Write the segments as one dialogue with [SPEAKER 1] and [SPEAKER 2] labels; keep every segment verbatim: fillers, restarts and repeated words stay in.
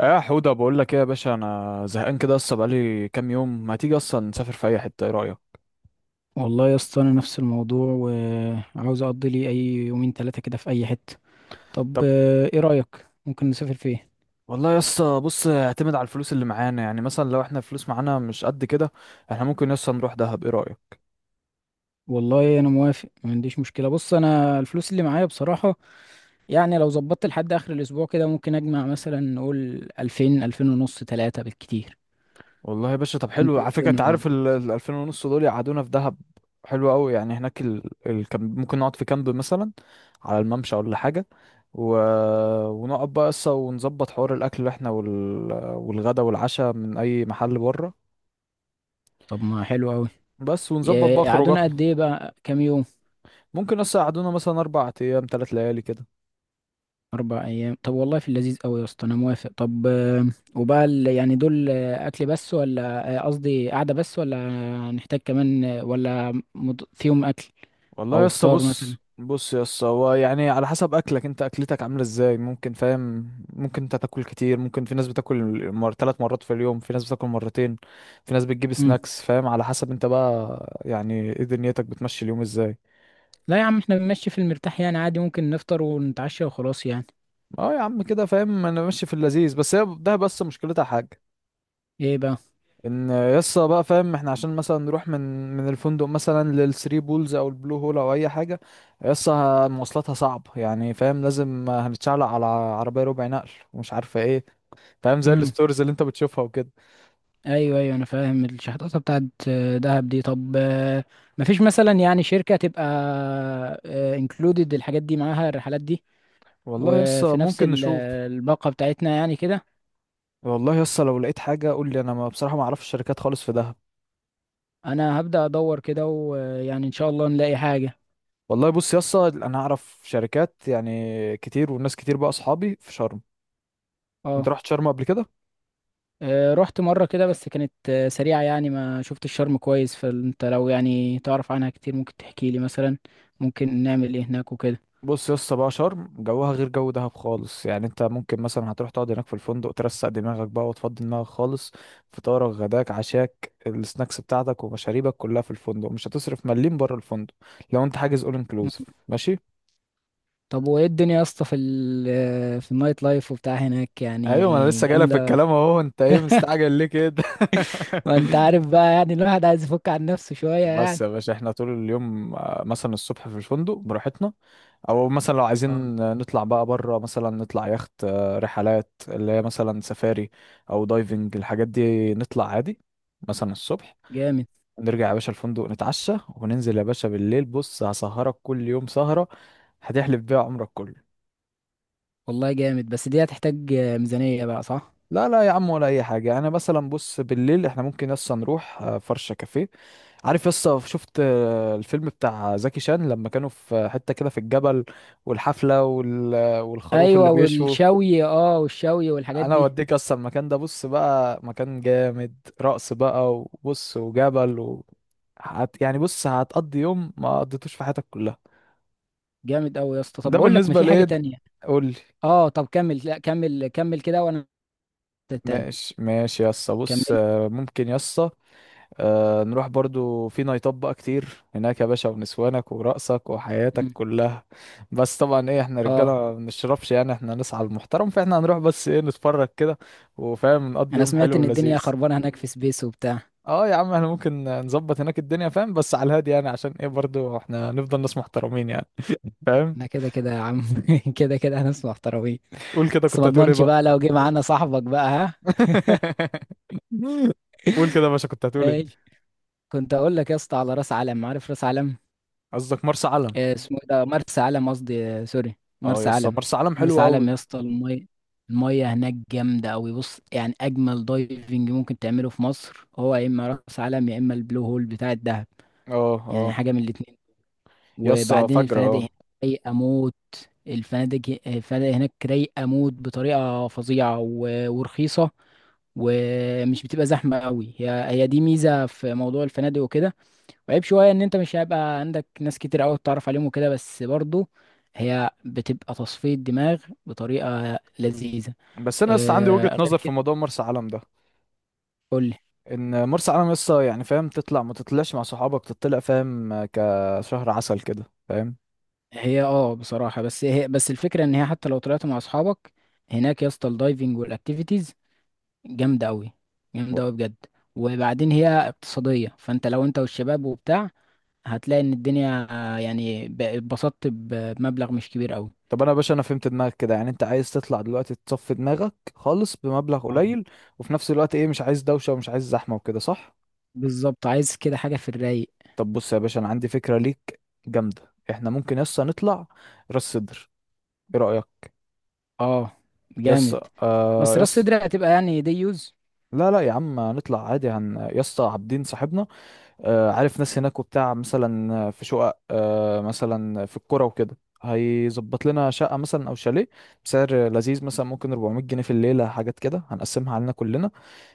[SPEAKER 1] يا حودة، بقول لك ايه يا باشا؟ انا زهقان كده، اصلا بقالي كام يوم ما تيجي. اصلا نسافر في اي حتة، ايه رأيك؟
[SPEAKER 2] والله يا اسطى، انا نفس الموضوع وعاوز اقضي لي اي يومين ثلاثه كده في اي حته. طب
[SPEAKER 1] طب.
[SPEAKER 2] آه، ايه رايك؟ ممكن نسافر فين؟
[SPEAKER 1] والله يا اسطى بص، اعتمد على الفلوس اللي معانا. يعني مثلا لو احنا الفلوس معانا مش قد كده، احنا ممكن يا اسطى نروح دهب، ايه رأيك؟
[SPEAKER 2] والله انا موافق، ما عنديش مشكله. بص، انا الفلوس اللي معايا بصراحه، يعني لو ظبطت لحد اخر الاسبوع كده ممكن اجمع مثلا. نقول الفين، الفين ونص، ثلاثة بالكتير.
[SPEAKER 1] والله يا باشا طب حلو.
[SPEAKER 2] انت إيه
[SPEAKER 1] على فكرة انت
[SPEAKER 2] الدنيا معاك؟
[SPEAKER 1] عارف ال ال ألفين ونص دول يقعدونا في دهب. حلو قوي. يعني هناك ال ال كامب- ممكن نقعد في كامب مثلا على الممشى ولا حاجة. و... ونقعد بقى قصة، ونظبط حوار الأكل احنا وال... والغدا والعشاء من أي محل بره.
[SPEAKER 2] طب ما حلو قوي.
[SPEAKER 1] بس ونظبط بقى
[SPEAKER 2] قعدونا
[SPEAKER 1] خروجاتنا.
[SPEAKER 2] قد ايه بقى؟ كام يوم؟
[SPEAKER 1] ممكن يس يقعدونا مثلا اربع ايام ثلاث ليالي كده.
[SPEAKER 2] أربع أيام، طب والله في اللذيذ أوي يا اسطى، أنا موافق. طب، آه، وبقى ال- يعني دول آه، أكل بس، ولا آه، قصدي قعدة بس، ولا نحتاج كمان؟ آه، ولا مض- فيهم أكل؟
[SPEAKER 1] والله
[SPEAKER 2] أو
[SPEAKER 1] يس
[SPEAKER 2] فطار مثلا.
[SPEAKER 1] بص بص يس، هو يعني على حسب اكلك انت، اكلتك عامله ازاي، ممكن فاهم، ممكن انت تاكل كتير، ممكن في ناس بتاكل مر... ثلاث مرات في اليوم، في ناس بتاكل مرتين، في ناس بتجيب
[SPEAKER 2] مم.
[SPEAKER 1] سناكس، فاهم؟ على حسب انت بقى يعني ايه دنيتك بتمشي اليوم ازاي.
[SPEAKER 2] لا يا عم، احنا بنمشي في المرتاح يعني، عادي ممكن نفطر ونتعشى وخلاص يعني.
[SPEAKER 1] اه يا عم كده فاهم، انا ماشي في اللذيذ، بس هي ده بس مشكلتها حاجه.
[SPEAKER 2] ايه بقى؟
[SPEAKER 1] ان يسا بقى فاهم احنا عشان مثلا نروح من من الفندق مثلا للثري بولز او البلو هول او اي حاجه، يسا مواصلاتها صعب يعني. فاهم لازم هنتشعلق على عربيه ربع نقل ومش عارفه ايه، فاهم زي
[SPEAKER 2] مم.
[SPEAKER 1] الستوريز اللي انت بتشوفها وكده.
[SPEAKER 2] أيوه أيوه، أنا فاهم الشحطاطة بتاعت آه، دهب دي. طب آه، مفيش مثلا يعني شركة تبقى انكلودed الحاجات دي معاها الرحلات دي؟
[SPEAKER 1] والله يسا
[SPEAKER 2] وفي نفس
[SPEAKER 1] ممكن
[SPEAKER 2] ال-
[SPEAKER 1] نشوف.
[SPEAKER 2] الباقة بتاعتنا يعني كده.
[SPEAKER 1] والله يسا لو لقيت حاجه قول لي، انا ما بصراحه ما اعرفش شركات خالص في دهب.
[SPEAKER 2] انا هبدأ ادور كده، ويعني ان شاء الله نلاقي حاجة.
[SPEAKER 1] والله بص يسا، انا اعرف شركات يعني كتير، والناس كتير بقى اصحابي في شرم. انت
[SPEAKER 2] اه.
[SPEAKER 1] رحت شرم قبل كده؟
[SPEAKER 2] آه، رحت مرة كده، بس كانت آه، سريعة يعني، ما شفت الشرم كويس، فانت لو يعني تعرف عنها كتير ممكن تحكي لي مثلا. ممكن نعمل ايه هناك وكده؟
[SPEAKER 1] بص يا اسطى بقى، شرم جوها غير جو دهب خالص. يعني انت ممكن مثلا هتروح تقعد هناك في الفندق، ترسق دماغك بقى وتفضي دماغك خالص. فطارك، غداك، عشاك، السناكس بتاعتك ومشاريبك كلها في الفندق، مش هتصرف مليم بره الفندق لو انت حاجز اول انكلوزيف.
[SPEAKER 2] مم.
[SPEAKER 1] ماشي.
[SPEAKER 2] طب وايه الدنيا يا اسطى في ال آه، في النايت لايف وبتاع هناك،
[SPEAKER 1] ايوه ما انا
[SPEAKER 2] يعني
[SPEAKER 1] لسه جايلك في
[SPEAKER 2] جامدة؟
[SPEAKER 1] الكلام اهو، انت ايه مستعجل ليه كده؟
[SPEAKER 2] ما انت عارف بقى، يعني الواحد عايز يفك عن نفسه شوية
[SPEAKER 1] بس
[SPEAKER 2] يعني.
[SPEAKER 1] يا باشا، احنا طول اليوم آه، مثلا الصبح في الفندق براحتنا. او مثلا لو عايزين
[SPEAKER 2] اه.
[SPEAKER 1] آه، نطلع بقى بره، مثلا نطلع يخت آه، رحلات اللي هي مثلا سفاري، او دايفنج، الحاجات دي نطلع عادي مثلا الصبح.
[SPEAKER 2] جامد.
[SPEAKER 1] نرجع يا باشا الفندق نتعشى، وننزل يا باشا بالليل. بص هسهرك كل يوم سهرة هتحلف بيها عمرك كله.
[SPEAKER 2] والله جامد، بس دي هتحتاج آه، ميزانية بقى، صح؟
[SPEAKER 1] لا لا يا عم، ولا اي حاجه. انا مثلا بص بالليل احنا ممكن يسا نروح آه، فرشه كافيه. عارف يسا، شفت آه، الفيلم بتاع زكي شان لما كانوا في حته كده في الجبل، والحفله وال... والخروف اللي
[SPEAKER 2] ايوه
[SPEAKER 1] بيشوا؟
[SPEAKER 2] والشوي، اه والشوي والحاجات
[SPEAKER 1] انا
[SPEAKER 2] دي.
[SPEAKER 1] اوديك اصلا المكان ده، بص بقى مكان جامد. رقص بقى وبص وجبل و... هت... يعني بص، هتقضي يوم ما قضيتوش في حياتك كلها.
[SPEAKER 2] جامد قوي يا اسطى. طب
[SPEAKER 1] ده
[SPEAKER 2] بقول لك، ما
[SPEAKER 1] بالنسبه
[SPEAKER 2] في حاجه
[SPEAKER 1] لايه.
[SPEAKER 2] تانية.
[SPEAKER 1] قول.
[SPEAKER 2] اه، طب كمل، لا كمل كمل كده وانا التاني.
[SPEAKER 1] ماشي ماشي يسا، بص
[SPEAKER 2] كمل.
[SPEAKER 1] آه، ممكن يسا آه، نروح برضو في نايتات بقى كتير هناك يا باشا، ونسوانك ورقصك وحياتك
[SPEAKER 2] مم.
[SPEAKER 1] كلها. بس طبعا ايه، احنا رجاله
[SPEAKER 2] اه.
[SPEAKER 1] ما بنشربش يعني، احنا نسعى المحترم، فاحنا هنروح بس ايه نتفرج كده. وفاهم نقضي
[SPEAKER 2] انا
[SPEAKER 1] يوم
[SPEAKER 2] سمعت
[SPEAKER 1] حلو
[SPEAKER 2] ان الدنيا
[SPEAKER 1] ولذيذ.
[SPEAKER 2] خربانه هناك في سبيس وبتاع.
[SPEAKER 1] اه يا عم احنا ممكن نظبط هناك الدنيا فاهم، بس على الهادي يعني. عشان ايه برضو احنا نفضل ناس محترمين يعني. فاهم.
[SPEAKER 2] انا كده كده يا عم كده كده هناس محترمين.
[SPEAKER 1] قول كده
[SPEAKER 2] بس
[SPEAKER 1] كنت
[SPEAKER 2] ما
[SPEAKER 1] هتقول ايه
[SPEAKER 2] اضمنش
[SPEAKER 1] بقى.
[SPEAKER 2] بقى لو جه معانا صاحبك بقى، ها.
[SPEAKER 1] قول كده يا باشا، كنت هتقول ايه؟
[SPEAKER 2] ايش. كنت اقول لك يا اسطى على راس علم، عارف راس علم؟
[SPEAKER 1] قصدك مرسى علم.
[SPEAKER 2] آه، اسمه إيه ده، مرسى علم قصدي، آه، سوري،
[SPEAKER 1] اه يا
[SPEAKER 2] مرسى
[SPEAKER 1] اسطى،
[SPEAKER 2] علم.
[SPEAKER 1] مرسى علم
[SPEAKER 2] مرسى
[SPEAKER 1] حلو قوي.
[SPEAKER 2] علم يا اسطى، المية، المية هناك جامدة أوي. بص يعني، أجمل دايفنج ممكن تعمله في مصر هو يا إما مرسى علم يا إما البلو هول بتاع الدهب.
[SPEAKER 1] اه
[SPEAKER 2] يعني
[SPEAKER 1] اه.
[SPEAKER 2] حاجة من الاتنين.
[SPEAKER 1] يا اسطى
[SPEAKER 2] وبعدين
[SPEAKER 1] فجر
[SPEAKER 2] الفنادق
[SPEAKER 1] اه.
[SPEAKER 2] هناك رايقة موت. الفنادق الفنادق هناك رايقة موت بطريقة فظيعة و- ورخيصة. ومش بتبقى زحمة أوي، هي هي دي ميزة في موضوع الفنادق وكده. وعيب شوية ان انت مش هيبقى عندك ناس كتير قوي تتعرف عليهم وكده، بس برضو هي بتبقى تصفية دماغ بطريقة لذيذة.
[SPEAKER 1] بس انا يا اسطى عندي
[SPEAKER 2] آه،
[SPEAKER 1] وجهة
[SPEAKER 2] غير
[SPEAKER 1] نظر في
[SPEAKER 2] كده.
[SPEAKER 1] موضوع مرسى علم ده.
[SPEAKER 2] قولي.
[SPEAKER 1] ان مرسى علم يا اسطى يعني فاهم تطلع ما تطلعش مع صحابك، تطلع فاهم كشهر عسل كده، فاهم.
[SPEAKER 2] هي، اه بصراحة، بس هي بس الفكرة ان هي حتى لو طلعت مع اصحابك، هناك يا اسطى الدايفنج والاكتيفيتيز جامدة قوي. جامدة
[SPEAKER 1] و-
[SPEAKER 2] قوي بجد. وبعدين هي اقتصادية، فانت لو انت والشباب وبتاع هتلاقي ان الدنيا آه، يعني ب- اتبسطت ب- بمبلغ مش كبير قوي.
[SPEAKER 1] طب انا يا باشا انا فهمت دماغك كده، يعني انت عايز تطلع دلوقتي تصفي دماغك خالص بمبلغ
[SPEAKER 2] آه.
[SPEAKER 1] قليل. وفي نفس الوقت ايه، مش عايز دوشة ومش عايز زحمة وكده، صح؟
[SPEAKER 2] بالظبط، عايز كده حاجة في الرايق.
[SPEAKER 1] طب بص يا باشا انا عندي فكرة ليك جامدة. احنا ممكن يا اسطى نطلع راس سدر، ايه رأيك؟
[SPEAKER 2] اه.
[SPEAKER 1] يس،
[SPEAKER 2] جامد.
[SPEAKER 1] آه
[SPEAKER 2] بس راس
[SPEAKER 1] يس.
[SPEAKER 2] صدر هتبقى يعني دي يوز.
[SPEAKER 1] لا لا يا عم، نطلع عادي. هن يا اسطى عابدين صاحبنا، آه عارف ناس هناك وبتاع، مثلا في شقق آه مثلا في القرى وكده، هيظبط لنا شقة مثلا أو شاليه بسعر لذيذ، مثلا ممكن أربعمية جنيه في الليلة، حاجات كده هنقسمها علينا كلنا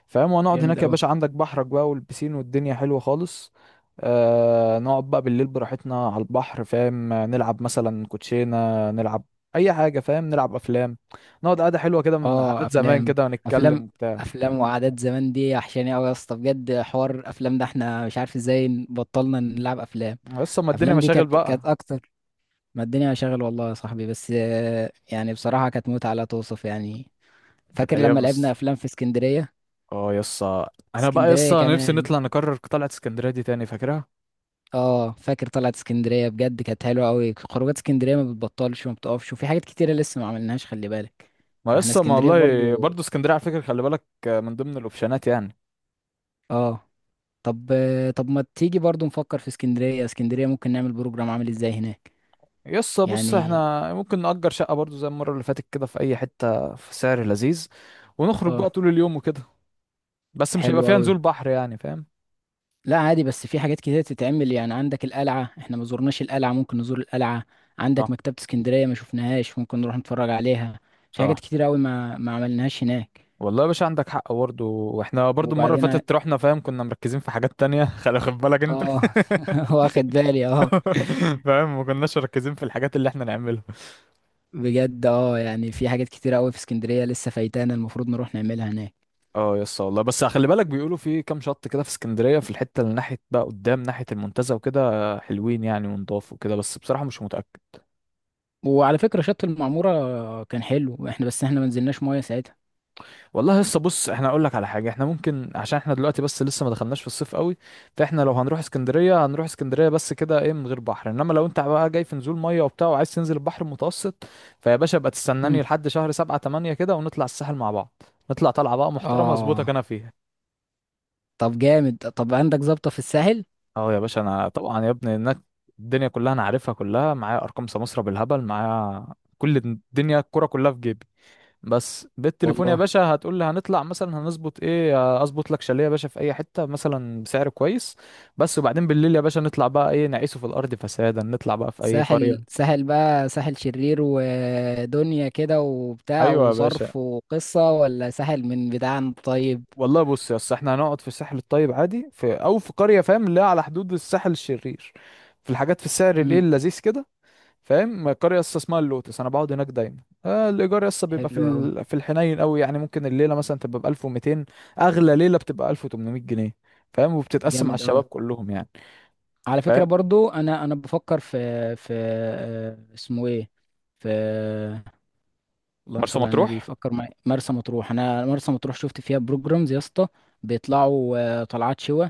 [SPEAKER 1] فاهم. وهنقعد
[SPEAKER 2] جامد
[SPEAKER 1] هناك يا
[SPEAKER 2] قوي.
[SPEAKER 1] باشا، عندك بحرك بقى والبسين، والدنيا حلوة خالص. آه نقعد بقى بالليل براحتنا على البحر، فاهم نلعب مثلا كوتشينة، نلعب أي حاجة فاهم، نلعب أفلام، نقعد قعدة حلوة كده من
[SPEAKER 2] اه،
[SPEAKER 1] عادات زمان
[SPEAKER 2] افلام.
[SPEAKER 1] كده، ونتكلم
[SPEAKER 2] افلام.
[SPEAKER 1] وبتاع.
[SPEAKER 2] افلام وعادات زمان دي وحشاني قوي يا اسطى بجد. حوار افلام ده، احنا مش عارف ازاي بطلنا نلعب افلام.
[SPEAKER 1] يس ما الدنيا
[SPEAKER 2] افلام دي
[SPEAKER 1] مشاغل
[SPEAKER 2] كانت كانت
[SPEAKER 1] بقى.
[SPEAKER 2] اكتر. ما الدنيا شغل والله يا صاحبي، بس آه، يعني بصراحة كانت متعة لا توصف يعني.
[SPEAKER 1] كانت
[SPEAKER 2] فاكر لما
[SPEAKER 1] ايام
[SPEAKER 2] لعبنا
[SPEAKER 1] يس.
[SPEAKER 2] افلام في اسكندرية؟
[SPEAKER 1] اه يس. انا بقى يس
[SPEAKER 2] اسكندرية
[SPEAKER 1] نفسي
[SPEAKER 2] كمان.
[SPEAKER 1] نطلع، نكرر طلعت اسكندريه دي تاني، فاكرها.
[SPEAKER 2] اه، فاكر طلعت اسكندرية بجد كانت حلوة قوي. خروجات اسكندرية ما بتبطلش وما بتقفش، وفي حاجات كتيرة لسه ما عملناش، خلي بالك.
[SPEAKER 1] ما
[SPEAKER 2] فاحنا
[SPEAKER 1] يس ما
[SPEAKER 2] اسكندرية
[SPEAKER 1] والله.
[SPEAKER 2] برضو.
[SPEAKER 1] برضه اسكندريه على فكره، خلي بالك، من ضمن الاوبشنات يعني.
[SPEAKER 2] اه. طب. طب ما تيجي برضو نفكر في اسكندرية. اسكندرية ممكن نعمل بروجرام عامل ازاي هناك؟
[SPEAKER 1] يس بص
[SPEAKER 2] يعني.
[SPEAKER 1] احنا ممكن نأجر شقه برضه زي المره اللي فاتت كده في اي حته في سعر لذيذ. ونخرج
[SPEAKER 2] اه.
[SPEAKER 1] بقى طول اليوم وكده. بس مش
[SPEAKER 2] حلو
[SPEAKER 1] هيبقى فيها
[SPEAKER 2] قوي.
[SPEAKER 1] نزول بحر يعني فاهم.
[SPEAKER 2] لا عادي، بس في حاجات كتيرة تتعمل يعني. عندك القلعة، احنا ما زورناش القلعة، ممكن نزور القلعة. عندك
[SPEAKER 1] صح
[SPEAKER 2] مكتبة اسكندرية ما شفناهاش، ممكن نروح نتفرج عليها. في حاجات
[SPEAKER 1] صح.
[SPEAKER 2] كتيرة قوي ما ما عملناهاش هناك.
[SPEAKER 1] والله يا باشا عندك حق برضه، واحنا برضه المره اللي
[SPEAKER 2] وبعدين،
[SPEAKER 1] فاتت رحنا فاهم كنا مركزين في حاجات تانية خلي خد بالك انت.
[SPEAKER 2] اه واخد بالي اه.
[SPEAKER 1] فاهم ما كناش مركزين في الحاجات اللي احنا نعملها.
[SPEAKER 2] بجد اه، يعني في حاجات كتيرة قوي في اسكندرية لسه فايتانا، المفروض نروح نعملها هناك.
[SPEAKER 1] اه يا اسطى والله. بس خلي بالك بيقولوا في كام شط كده في اسكندريه في الحته اللي ناحيه بقى قدام ناحيه المنتزه وكده، حلوين يعني ونضاف وكده، بس بصراحه مش متاكد.
[SPEAKER 2] وعلى فكرة شط المعمورة كان حلو، احنا بس احنا ما نزلناش مية ساعتها.
[SPEAKER 1] والله يا اسطى بص، احنا اقول لك على حاجه. احنا ممكن عشان احنا دلوقتي بس لسه ما دخلناش في الصيف قوي، فاحنا لو هنروح اسكندريه هنروح اسكندريه بس كده ايه من غير بحر. انما لو انت بقى جاي في نزول ميه وبتاع وعايز تنزل البحر المتوسط، فيا باشا ابقى
[SPEAKER 2] مم.
[SPEAKER 1] تستناني لحد شهر سبعة تمانية كده، ونطلع الساحل مع بعض. نطلع طلعه بقى محترمه، اظبطك
[SPEAKER 2] اه.
[SPEAKER 1] انا فيها.
[SPEAKER 2] طب جامد، طب عندك ظابطة في الساحل؟
[SPEAKER 1] اه يا باشا انا طبعا يا ابني هناك الدنيا كلها انا عارفها كلها. معايا ارقام سمسرة بالهبل معايا، كل الدنيا الكرة كلها في جيبي. بس بالتليفون يا
[SPEAKER 2] والله،
[SPEAKER 1] باشا هتقول لي هنطلع مثلا هنظبط ايه، آه، اظبط لك شاليه يا باشا في اي حتة مثلا بسعر كويس بس. وبعدين بالليل يا باشا نطلع بقى ايه نعيشه في الارض فسادا، نطلع بقى في اي
[SPEAKER 2] ساحل،
[SPEAKER 1] قرية.
[SPEAKER 2] ساحل بقى ساحل شرير ودنيا كده وبتاع
[SPEAKER 1] ايوه يا باشا.
[SPEAKER 2] وصرف وقصة، ولا ساحل من بتاعنا طيب؟
[SPEAKER 1] والله بص يا اسطى، احنا هنقعد في الساحل الطيب عادي، في او في قرية فاهم اللي هي على حدود الساحل الشرير، في الحاجات في السعر الايه
[SPEAKER 2] مم.
[SPEAKER 1] اللذيذ كده. فاهم القريه لسه اسمها اللوتس، انا بقعد هناك دايما. آه الايجار لسه بيبقى في
[SPEAKER 2] حلو قوي.
[SPEAKER 1] ال... في الحنين قوي. يعني ممكن الليله مثلا تبقى ب ألف ومتين، اغلى ليله بتبقى ألف وتمنمية جنيه. فاهم وبتتقسم على
[SPEAKER 2] جامد
[SPEAKER 1] الشباب
[SPEAKER 2] قوي.
[SPEAKER 1] كلهم يعني.
[SPEAKER 2] على فكرة
[SPEAKER 1] فاهم.
[SPEAKER 2] برضو، انا انا بفكر في، في آه، اسمه ايه، في، اللهم
[SPEAKER 1] مرسى
[SPEAKER 2] صل على النبي،
[SPEAKER 1] مطروح
[SPEAKER 2] فكر معايا مرسى مطروح. انا مرسى مطروح شفت فيها بروجرامز يا اسطى، بيطلعوا آه، طلعات شوا،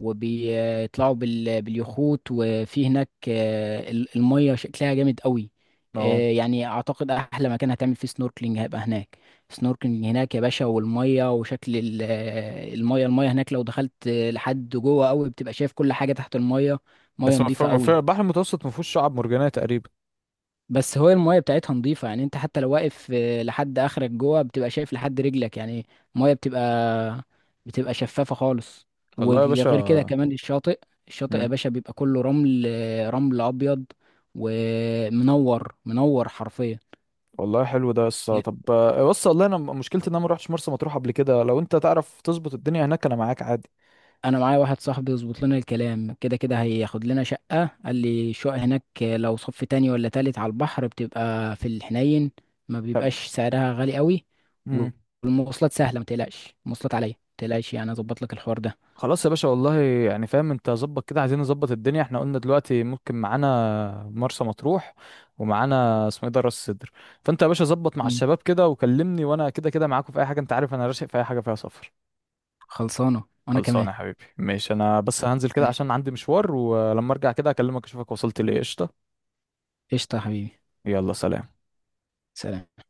[SPEAKER 2] وبيطلعوا بال... باليخوت، وفي هناك آه، ال- الميه شكلها جامد قوي.
[SPEAKER 1] اه.
[SPEAKER 2] آه، يعني اعتقد احلى مكان هتعمل فيه سنوركلينج هيبقى هناك. سنوركلينج هناك يا باشا، والميه وشكل ال- آه، الميه الميه هناك، لو دخلت آه، لحد جوه قوي بتبقى شايف كل حاجه تحت الميه. ميه
[SPEAKER 1] بس ما في...
[SPEAKER 2] نظيفه
[SPEAKER 1] ما في...
[SPEAKER 2] قوي.
[SPEAKER 1] البحر المتوسط ما فيهوش شعاب مرجانيه تقريبا.
[SPEAKER 2] بس هو المايه بتاعتها نظيفه يعني، انت حتى لو واقف آه، لحد اخرك جوه بتبقى شايف لحد رجلك يعني. المايه بتبقى بتبقى شفافه خالص.
[SPEAKER 1] والله يا
[SPEAKER 2] وغير كده
[SPEAKER 1] باشا.
[SPEAKER 2] كمان الشاطئ، الشاطئ يا
[SPEAKER 1] مم.
[SPEAKER 2] باشا بيبقى كله رمل، آه، رمل ابيض. ومنور منور حرفيا.
[SPEAKER 1] والله حلو ده يسا. طب آه، بص والله انا م- مشكلتي ان انا ما روحتش مرسى مطروح قبل كده. لو انت تعرف تظبط الدنيا هناك انا معاك عادي.
[SPEAKER 2] انا معايا واحد صاحبي يظبط لنا الكلام، كده كده هياخد لنا شقة. قال لي الشقق هناك لو صف تاني ولا تالت على البحر بتبقى في الحنين، ما
[SPEAKER 1] فاهم.
[SPEAKER 2] بيبقاش سعرها غالي قوي.
[SPEAKER 1] مم.
[SPEAKER 2] والمواصلات سهلة، ما تقلقش المواصلات عليا ما تقلقش يعني، اظبط لك الحوار ده.
[SPEAKER 1] خلاص يا باشا والله، يعني فاهم انت ظبط كده، عايزين نظبط الدنيا احنا قلنا دلوقتي ممكن معانا مرسى مطروح ومعانا اسمه ايه ده راس سدر. فانت يا باشا ظبط مع
[SPEAKER 2] مم.
[SPEAKER 1] الشباب كده وكلمني، وانا كده كده معاكم في اي حاجه، انت عارف انا راشق في اي حاجه فيها سفر.
[SPEAKER 2] خلصانة، وانا كمان.
[SPEAKER 1] خلصانه يا حبيبي ماشي. انا بس هننزل كده
[SPEAKER 2] ماشي.
[SPEAKER 1] عشان عندي مشوار، ولما ارجع كده اكلمك اشوفك وصلت ليه قشطه.
[SPEAKER 2] قشطة يا حبيبي.
[SPEAKER 1] يلا سلام.
[SPEAKER 2] سلام.